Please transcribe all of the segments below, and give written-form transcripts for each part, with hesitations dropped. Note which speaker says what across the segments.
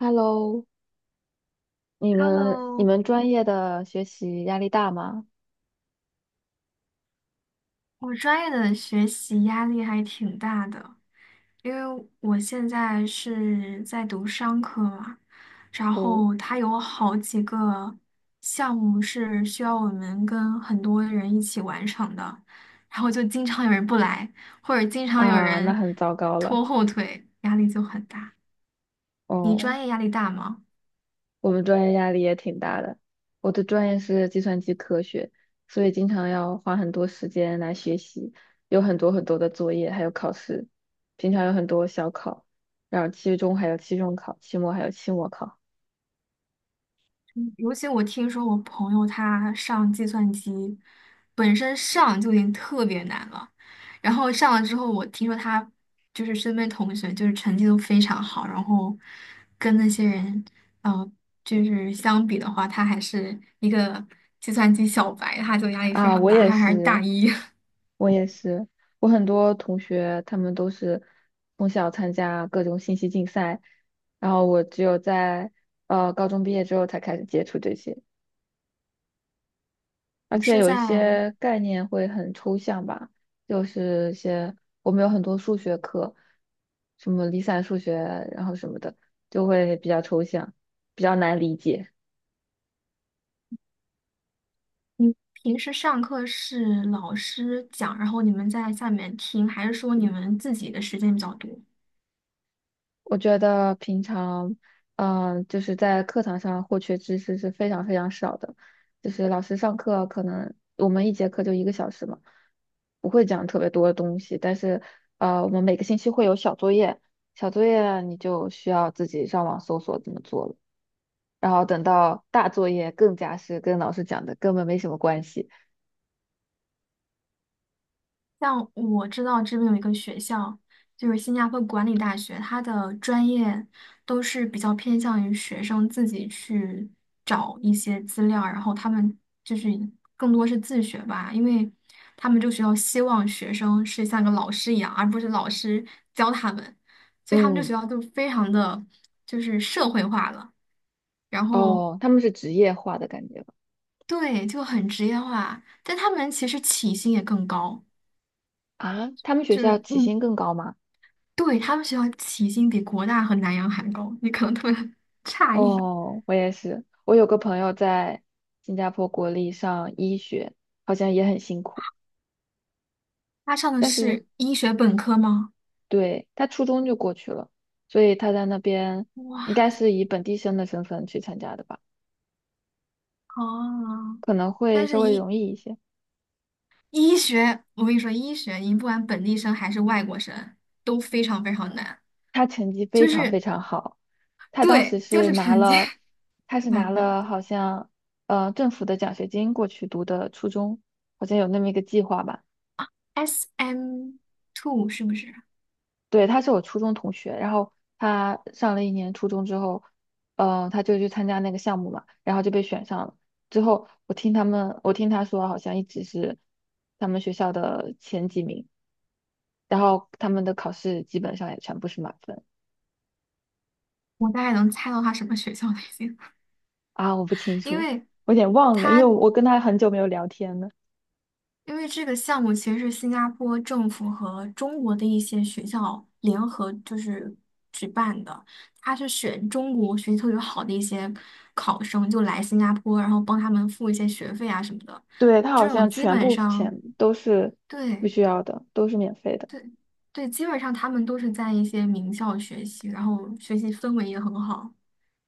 Speaker 1: Hello，你们你
Speaker 2: Hello，
Speaker 1: 们专业的学习压力大吗？
Speaker 2: 我专业的学习压力还挺大的，因为我现在是在读商科嘛，然
Speaker 1: 哦，
Speaker 2: 后它有好几个项目是需要我们跟很多人一起完成的，然后就经常有人不来，或者经常有
Speaker 1: 啊，那
Speaker 2: 人
Speaker 1: 很糟糕了。
Speaker 2: 拖后腿，压力就很大。你
Speaker 1: 哦，
Speaker 2: 专业压力大吗？
Speaker 1: 我们专业压力也挺大的。我的专业是计算机科学，所以经常要花很多时间来学习，有很多很多的作业，还有考试。平常有很多小考，然后期中还有期中考，期末还有期末考。
Speaker 2: 尤其我听说我朋友他上计算机，本身上就已经特别难了，然后上了之后，我听说他就是身边同学就是成绩都非常好，然后跟那些人，呃，就是相比的话，他还是一个计算机小白，他就压力非
Speaker 1: 啊，
Speaker 2: 常
Speaker 1: 我
Speaker 2: 大，
Speaker 1: 也
Speaker 2: 他还是大
Speaker 1: 是。
Speaker 2: 一。
Speaker 1: 我也是，我很多同学他们都是从小参加各种信息竞赛，然后我只有在高中毕业之后才开始接触这些，而
Speaker 2: 我
Speaker 1: 且
Speaker 2: 是
Speaker 1: 有一
Speaker 2: 在，
Speaker 1: 些概念会很抽象吧，就是一些我们有很多数学课，什么离散数学，然后什么的，就会比较抽象，比较难理解。
Speaker 2: 你平时上课是老师讲，然后你们在下面听，还是说你们自己的时间比较多？
Speaker 1: 我觉得平常，就是在课堂上获取知识是非常非常少的，就是老师上课可能我们一节课就一个小时嘛，不会讲特别多的东西，但是，我们每个星期会有小作业，小作业你就需要自己上网搜索怎么做了，然后等到大作业更加是跟老师讲的根本没什么关系。
Speaker 2: 像我知道这边有一个学校，就是新加坡管理大学，它的专业都是比较偏向于学生自己去找一些资料，然后他们就是更多是自学吧，因为他们这个学校希望学生是像个老师一样，而不是老师教他们，所以他们这
Speaker 1: 嗯，
Speaker 2: 个学校就非常的就是社会化了，然后
Speaker 1: 哦，他们是职业化的感觉吧。
Speaker 2: 对，就很职业化，但他们其实起薪也更高。
Speaker 1: 啊，他们学
Speaker 2: 就
Speaker 1: 校
Speaker 2: 是
Speaker 1: 起
Speaker 2: 嗯。
Speaker 1: 薪更高吗？
Speaker 2: 对，他们学校起薪比国大和南洋还高，你可能特别 诧异。
Speaker 1: 哦，我也是。我有个朋友在新加坡国立上医学，好像也很辛苦，
Speaker 2: 他上的
Speaker 1: 但是
Speaker 2: 是医学本科吗？
Speaker 1: 对，他初中就过去了，所以他在那边
Speaker 2: 哇
Speaker 1: 应该是以本地生的身份去参加的吧，
Speaker 2: 哦！
Speaker 1: 可能会
Speaker 2: 但
Speaker 1: 稍
Speaker 2: 是
Speaker 1: 微
Speaker 2: 医
Speaker 1: 容易一些。
Speaker 2: 医学，我跟你说，医学你不管本地生还是外国生都非常非常难，
Speaker 1: 他成绩非
Speaker 2: 就
Speaker 1: 常
Speaker 2: 是
Speaker 1: 非常好，他当时
Speaker 2: 对，就
Speaker 1: 是
Speaker 2: 是
Speaker 1: 拿
Speaker 2: 成绩
Speaker 1: 了，他 是拿
Speaker 2: 满分。
Speaker 1: 了好像政府的奖学金过去读的初中，好像有那么一个计划吧。
Speaker 2: SM2 是不是？
Speaker 1: 对，他是我初中同学，然后他上了一年初中之后，他就去参加那个项目嘛，然后就被选上了。之后我听他说，好像一直是他们学校的前几名，然后他们的考试基本上也全部是满分。
Speaker 2: 我大概能猜到他什么学校了已经，
Speaker 1: 啊，我不清
Speaker 2: 因
Speaker 1: 楚，
Speaker 2: 为
Speaker 1: 我有点忘了，因
Speaker 2: 他
Speaker 1: 为我跟他很久没有聊天了。
Speaker 2: 因为这个项目其实是新加坡政府和中国的一些学校联合就是举办的，他是选中国学习特别好的一些考生就来新加坡，然后帮他们付一些学费啊什么的。
Speaker 1: 对，他好
Speaker 2: 这种
Speaker 1: 像
Speaker 2: 基
Speaker 1: 全
Speaker 2: 本
Speaker 1: 部
Speaker 2: 上，
Speaker 1: 钱都是不
Speaker 2: 对
Speaker 1: 需要的，都是免费的。
Speaker 2: 对对，基本上他们都是在一些名校学习，然后学习氛围也很好，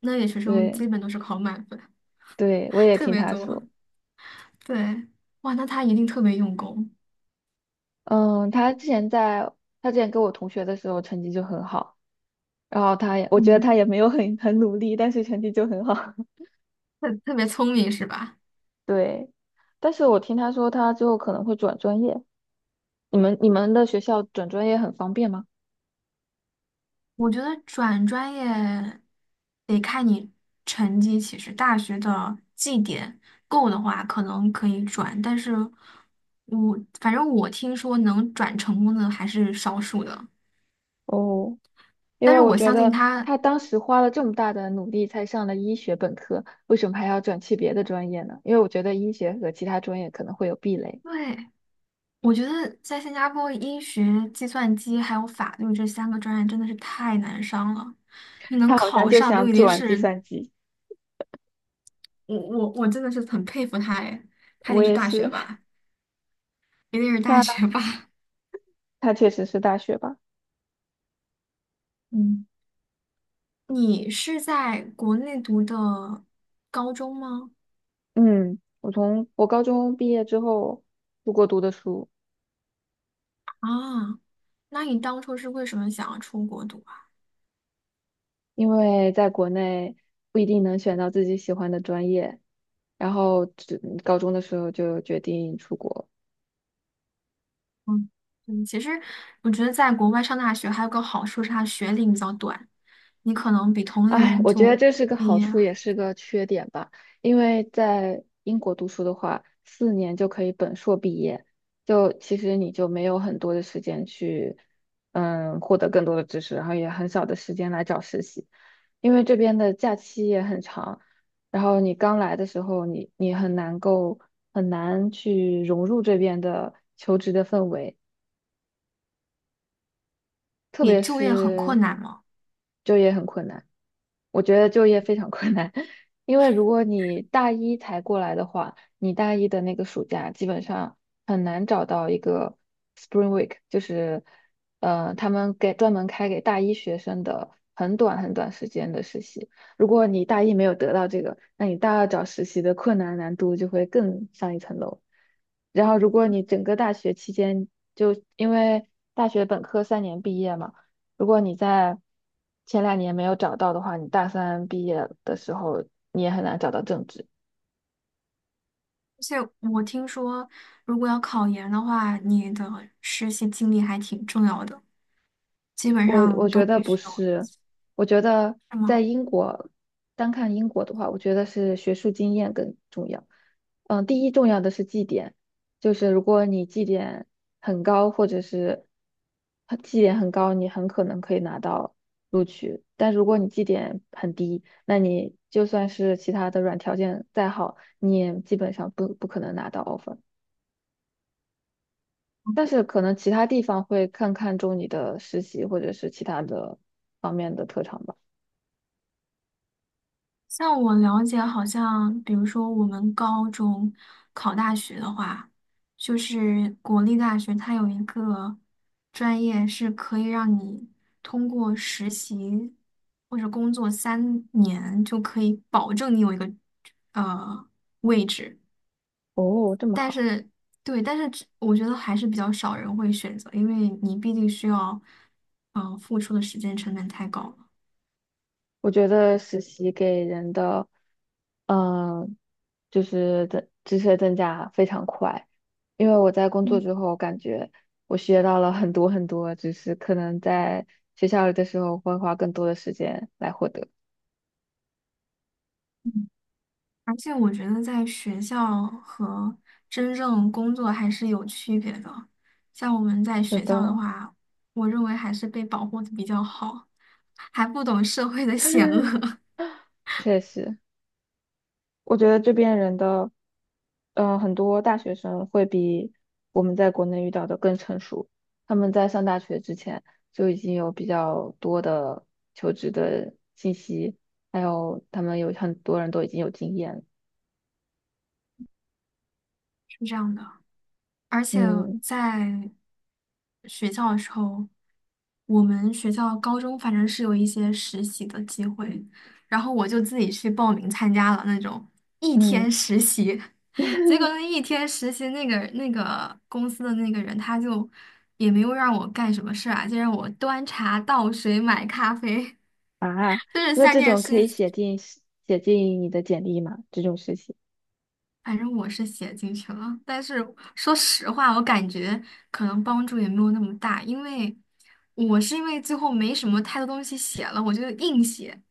Speaker 2: 那里学生基
Speaker 1: 对，
Speaker 2: 本都是考满分，
Speaker 1: 对，我 也
Speaker 2: 特
Speaker 1: 听
Speaker 2: 别
Speaker 1: 他
Speaker 2: 多。
Speaker 1: 说。
Speaker 2: 对，哇，那他一定特别用功，
Speaker 1: 嗯，他之前跟我同学的时候成绩就很好，然后我觉得他
Speaker 2: 嗯，
Speaker 1: 也没有很努力，但是成绩就很好。
Speaker 2: 特别聪明是吧？
Speaker 1: 对，但是我听他说他之后可能会转专业，你们的学校转专业很方便吗？
Speaker 2: 我觉得转专业得看你成绩，其实大学的绩点够的话，可能可以转，但是我反正我听说能转成功的还是少数的，
Speaker 1: 哦，因
Speaker 2: 但
Speaker 1: 为
Speaker 2: 是
Speaker 1: 我
Speaker 2: 我
Speaker 1: 觉
Speaker 2: 相信
Speaker 1: 得
Speaker 2: 他，
Speaker 1: 他当时花了这么大的努力才上了医学本科，为什么还要转去别的专业呢？因为我觉得医学和其他专业可能会有壁垒，
Speaker 2: 对，我觉得在新加坡，医学、计算机还有法律这三个专业真的是太难上了，你 能
Speaker 1: 他好像
Speaker 2: 考
Speaker 1: 就
Speaker 2: 上都
Speaker 1: 想
Speaker 2: 已经
Speaker 1: 转计
Speaker 2: 是，
Speaker 1: 算机，
Speaker 2: 我真的是很佩服他哎，他
Speaker 1: 我
Speaker 2: 得是
Speaker 1: 也
Speaker 2: 大学
Speaker 1: 是，
Speaker 2: 霸，一定是大
Speaker 1: 他
Speaker 2: 学霸，
Speaker 1: 他确实是大学吧。
Speaker 2: 嗯。你是在国内读的高中吗？
Speaker 1: 嗯，我高中毕业之后出国读的书，
Speaker 2: 啊，那你当初是为什么想要出国读啊？
Speaker 1: 因为在国内不一定能选到自己喜欢的专业，然后高中的时候就决定出国。
Speaker 2: 嗯嗯，其实我觉得在国外上大学还有个好处是它学历比较短，你可能比同龄
Speaker 1: 哎，
Speaker 2: 人
Speaker 1: 我觉得
Speaker 2: 就
Speaker 1: 这是个
Speaker 2: 毕
Speaker 1: 好
Speaker 2: 业，
Speaker 1: 处，也是个缺点吧。因为在英国读书的话，四年就可以本硕毕业，就其实你就没有很多的时间去，获得更多的知识，然后也很少的时间来找实习，因为这边的假期也很长，然后你刚来的时候你很难去融入这边的求职的氛围。特
Speaker 2: 你
Speaker 1: 别
Speaker 2: 就业很困
Speaker 1: 是
Speaker 2: 难嘛。
Speaker 1: 就业很困难。我觉得就业非常困难，因为如果你大一才过来的话，你大一的那个暑假基本上很难找到一个 Spring Week，就是他们给专门开给大一学生的很短很短时间的实习。如果你大一没有得到这个，那你大二找实习的难度就会更上一层楼。然后，如果你整个大学期间就因为大学本科三年毕业嘛，如果你在前两年没有找到的话，你大三毕业的时候你也很难找到正职。
Speaker 2: 而且我听说，如果要考研的话，你的实习经历还挺重要的，基本
Speaker 1: 我
Speaker 2: 上都
Speaker 1: 觉得
Speaker 2: 必
Speaker 1: 不
Speaker 2: 须要，
Speaker 1: 是，我觉得
Speaker 2: 是
Speaker 1: 在
Speaker 2: 吗？
Speaker 1: 英国，单看英国的话，我觉得是学术经验更重要。第一重要的是绩点，就是如果你绩点很高，或者是绩点很高，你很可能可以拿到录取。但如果你绩点很低，那你就算是其他的软条件再好，你也基本上不可能拿到 offer。但是可能其他地方会更看重你的实习或者是其他的方面的特长吧。
Speaker 2: 像我了解，好像比如说我们高中考大学的话，就是国立大学它有一个专业是可以让你通过实习或者工作三年就可以保证你有一个呃位置，
Speaker 1: 哦，这么
Speaker 2: 但
Speaker 1: 好，
Speaker 2: 是对，但是只我觉得还是比较少人会选择，因为你毕竟需要付出的时间成本太高了。
Speaker 1: 我觉得实习给人的，嗯、就是增知识的增加非常快，因为我在工作
Speaker 2: 嗯
Speaker 1: 之后感觉我学到了很多很多，知识，可能在学校里的时候会花更多的时间来获得。
Speaker 2: 嗯。而且我觉得在学校和真正工作还是有区别的。像我们在
Speaker 1: 是
Speaker 2: 学校的
Speaker 1: 的，
Speaker 2: 话，我认为还是被保护的比较好，还不懂社会的险恶，
Speaker 1: 确实。我觉得这边人的，很多大学生会比我们在国内遇到的更成熟。他们在上大学之前就已经有比较多的求职的信息，还有他们有很多人都已经有经验了
Speaker 2: 是这样的。而且
Speaker 1: 嗯
Speaker 2: 在学校的时候，我们学校高中反正是有一些实习的机会，然后我就自己去报名参加了那种一天
Speaker 1: 嗯
Speaker 2: 实习，结果那 一天实习那个公司的那个人他就也没有让我干什么事儿啊，就让我端茶倒水买咖啡，
Speaker 1: 啊，
Speaker 2: 就是
Speaker 1: 那
Speaker 2: 三
Speaker 1: 这
Speaker 2: 件
Speaker 1: 种
Speaker 2: 事，
Speaker 1: 可以写进你的简历吗？这种事情。
Speaker 2: 反正我是写进去了，但是说实话，我感觉可能帮助也没有那么大，因为我是因为最后没什么太多东西写了，我就硬写。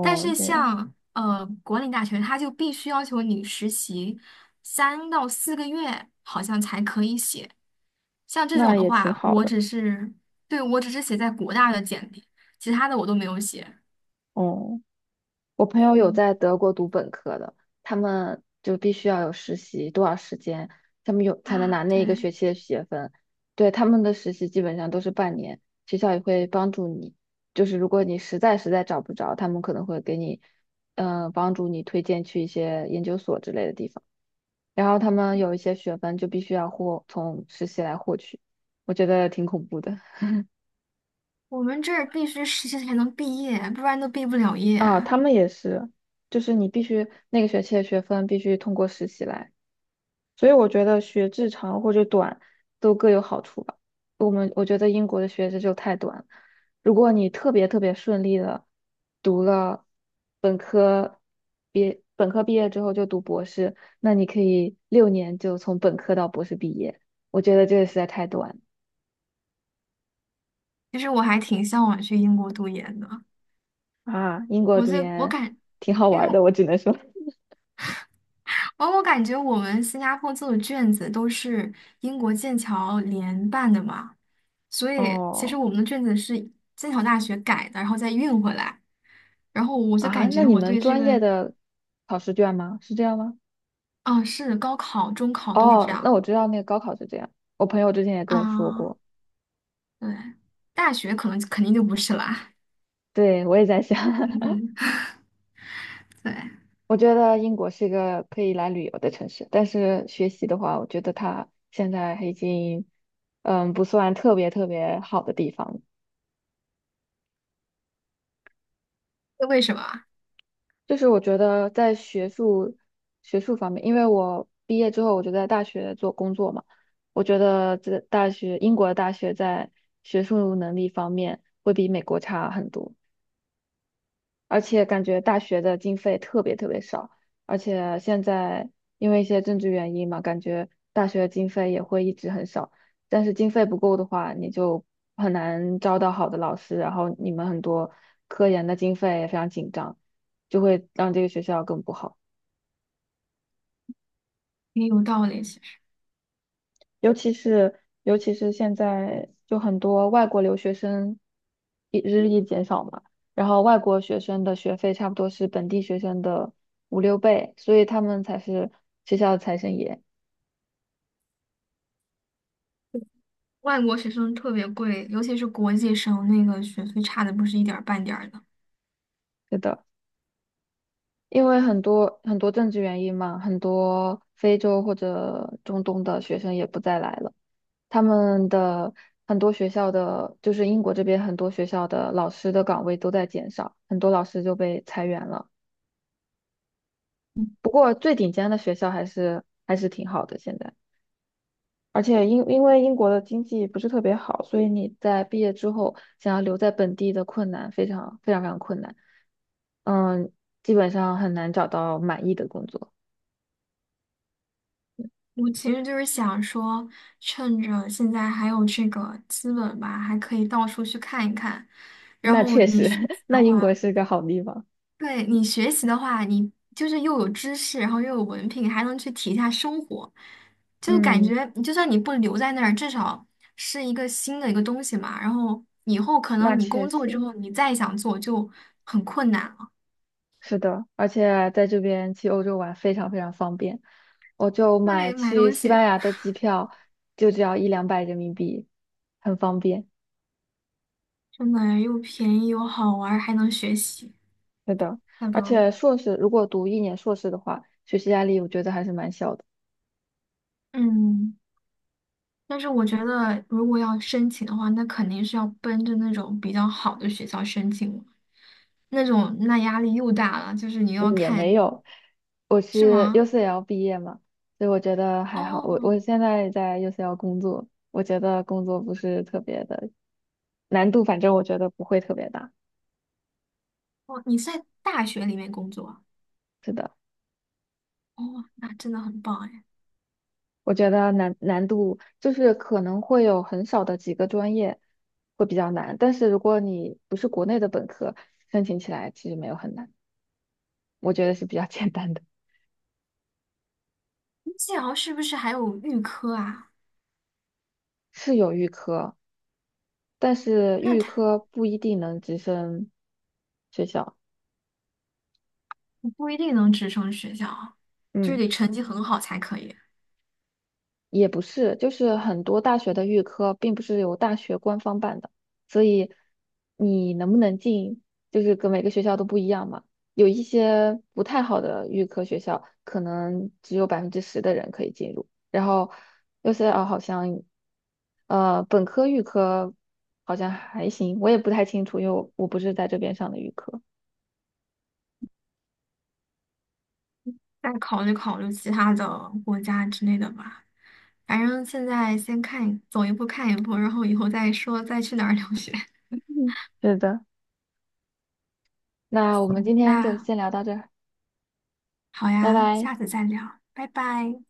Speaker 2: 但是
Speaker 1: 这样，
Speaker 2: 像国领大学，它就必须要求你实习3到4个月，好像才可以写。像这种
Speaker 1: 那
Speaker 2: 的
Speaker 1: 也挺
Speaker 2: 话，
Speaker 1: 好
Speaker 2: 我
Speaker 1: 的。
Speaker 2: 只是，对，我只是写在国大的简历，其他的我都没有写。
Speaker 1: 哦。我朋友有
Speaker 2: 嗯，
Speaker 1: 在德国读本科的，他们就必须要有实习多少时间，他们有才能
Speaker 2: 啊，
Speaker 1: 拿
Speaker 2: 对，
Speaker 1: 那一个学期的学分。对，他们的实习基本上都是半年，学校也会帮助你，就是如果你实在实在找不着，他们可能会给你，帮助你推荐去一些研究所之类的地方。然后他们有一些学分就必须要从实习来获取，我觉得挺恐怖的
Speaker 2: 我们这儿必须实习才能毕业，不然都毕不了业。
Speaker 1: 啊。他们也是，就是你必须那个学期的学分必须通过实习来。所以我觉得学制长或者短都各有好处吧。我觉得英国的学制就太短了。如果你特别特别顺利的读了本科，本科毕业之后就读博士，那你可以六年就从本科到博士毕业。我觉得这个实在太短
Speaker 2: 其实我还挺向往去英国读研的，
Speaker 1: 啊！英国
Speaker 2: 我
Speaker 1: 读
Speaker 2: 这，我
Speaker 1: 研
Speaker 2: 感，
Speaker 1: 挺好
Speaker 2: 因
Speaker 1: 玩儿的，
Speaker 2: 为
Speaker 1: 我只能说。
Speaker 2: 我感觉我们新加坡做的卷子都是英国剑桥联办的嘛，所以其实
Speaker 1: 哦，
Speaker 2: 我们的卷子是剑桥大学改的，然后再运回来。然后我就
Speaker 1: 啊，
Speaker 2: 感
Speaker 1: 那
Speaker 2: 觉
Speaker 1: 你
Speaker 2: 我
Speaker 1: 们
Speaker 2: 对这
Speaker 1: 专
Speaker 2: 个，
Speaker 1: 业的考试卷吗？是这样吗？
Speaker 2: 啊，是高考、中考都是这
Speaker 1: 哦，那
Speaker 2: 样
Speaker 1: 我知道那个高考是这样，我朋友之前也跟我说
Speaker 2: 啊，
Speaker 1: 过。
Speaker 2: 对，大学可能肯定就不是啦，
Speaker 1: 对，我也在想，
Speaker 2: 嗯，对，
Speaker 1: 我觉得英国是一个可以来旅游的城市，但是学习的话，我觉得它现在已经，不算特别特别好的地方了。
Speaker 2: 这为什么啊
Speaker 1: 就是我觉得在学术方面，因为我毕业之后我就在大学做工作嘛，我觉得这大学英国的大学在学术能力方面会比美国差很多。而且感觉大学的经费特别特别少，而且现在因为一些政治原因嘛，感觉大学的经费也会一直很少。但是经费不够的话，你就很难招到好的老师，然后你们很多科研的经费也非常紧张，就会让这个学校更不好。
Speaker 2: 也有道理，其实
Speaker 1: 尤其是现在就很多外国留学生日益减少嘛，然后外国学生的学费差不多是本地学生的五六倍，所以他们才是学校的财神爷。
Speaker 2: 外国学生特别贵，尤其是国际生，那个学费差的不是一点儿半点儿的。
Speaker 1: 是的，因为很多很多政治原因嘛，很多非洲或者中东的学生也不再来了，他们的。很多学校的，就是英国这边很多学校的老师的岗位都在减少，很多老师就被裁员了。不过最顶尖的学校还是挺好的，现在。而且因为英国的经济不是特别好，所以你在毕业之后想要留在本地的困难非常非常非常困难。嗯，基本上很难找到满意的工作。
Speaker 2: 我其实就是想说，趁着现在还有这个资本吧，还可以到处去看一看。然
Speaker 1: 那
Speaker 2: 后
Speaker 1: 确
Speaker 2: 你
Speaker 1: 实，
Speaker 2: 学习
Speaker 1: 那
Speaker 2: 的
Speaker 1: 英国
Speaker 2: 话，
Speaker 1: 是个好地方。
Speaker 2: 对你学习的话，你就是又有知识，然后又有文凭，还能去体验一下生活，就感
Speaker 1: 嗯，
Speaker 2: 觉就算你不留在那儿，至少是一个新的一个东西嘛。然后以后可
Speaker 1: 那
Speaker 2: 能你
Speaker 1: 确
Speaker 2: 工作之
Speaker 1: 实
Speaker 2: 后，你再想做就很困难了。
Speaker 1: 是的，而且在这边去欧洲玩非常非常方便。我就买
Speaker 2: 对，买
Speaker 1: 去
Speaker 2: 东
Speaker 1: 西
Speaker 2: 西
Speaker 1: 班牙的机票，就只要一两百人民币，很方便。
Speaker 2: 真的又便宜又好玩儿，还能学习，
Speaker 1: 是的，
Speaker 2: 太
Speaker 1: 而
Speaker 2: 棒了。
Speaker 1: 且硕士如果读一年硕士的话，学习压力我觉得还是蛮小的，
Speaker 2: 嗯。但是我觉得，如果要申请的话，那肯定是要奔着那种比较好的学校申请了那种那压力又大了，就是你
Speaker 1: 嗯
Speaker 2: 要
Speaker 1: 也没
Speaker 2: 看，
Speaker 1: 有。我
Speaker 2: 是
Speaker 1: 是
Speaker 2: 吗？
Speaker 1: UCL 毕业嘛，所以我觉得还好。我
Speaker 2: 哦，
Speaker 1: 现在在 UCL 工作，我觉得工作不是特别的难度，反正我觉得不会特别大。
Speaker 2: 哦，你是在大学里面工作啊
Speaker 1: 是的，
Speaker 2: 哦，那真的很棒哎。
Speaker 1: 我觉得难度就是可能会有很少的几个专业会比较难，但是如果你不是国内的本科，申请起来其实没有很难，我觉得是比较 简单的。
Speaker 2: 技疗是不是还有预科啊？
Speaker 1: 是有预科。但是
Speaker 2: 那
Speaker 1: 预
Speaker 2: 他
Speaker 1: 科不一定能直升学校，
Speaker 2: 不一定能直升学校啊就是
Speaker 1: 嗯，
Speaker 2: 得成绩很好才可以。
Speaker 1: 也不是，就是很多大学的预科并不是由大学官方办的，所以你能不能进，就是跟每个学校都不一样嘛。有一些不太好的预科学校，可能只有百分之十的人可以进入，然后 UCL 好像，本科预科好像还行，我也不太清楚，因为我不是在这边上的预科。
Speaker 2: 再考虑考虑其他的国家之类的吧。反正现在先看，走一步看一步，然后以后再说再去哪儿留学。
Speaker 1: 嗯，是的。那我们今天就
Speaker 2: 那
Speaker 1: 先聊到这儿，
Speaker 2: 好
Speaker 1: 拜
Speaker 2: 呀，
Speaker 1: 拜。
Speaker 2: 下次再聊，拜拜。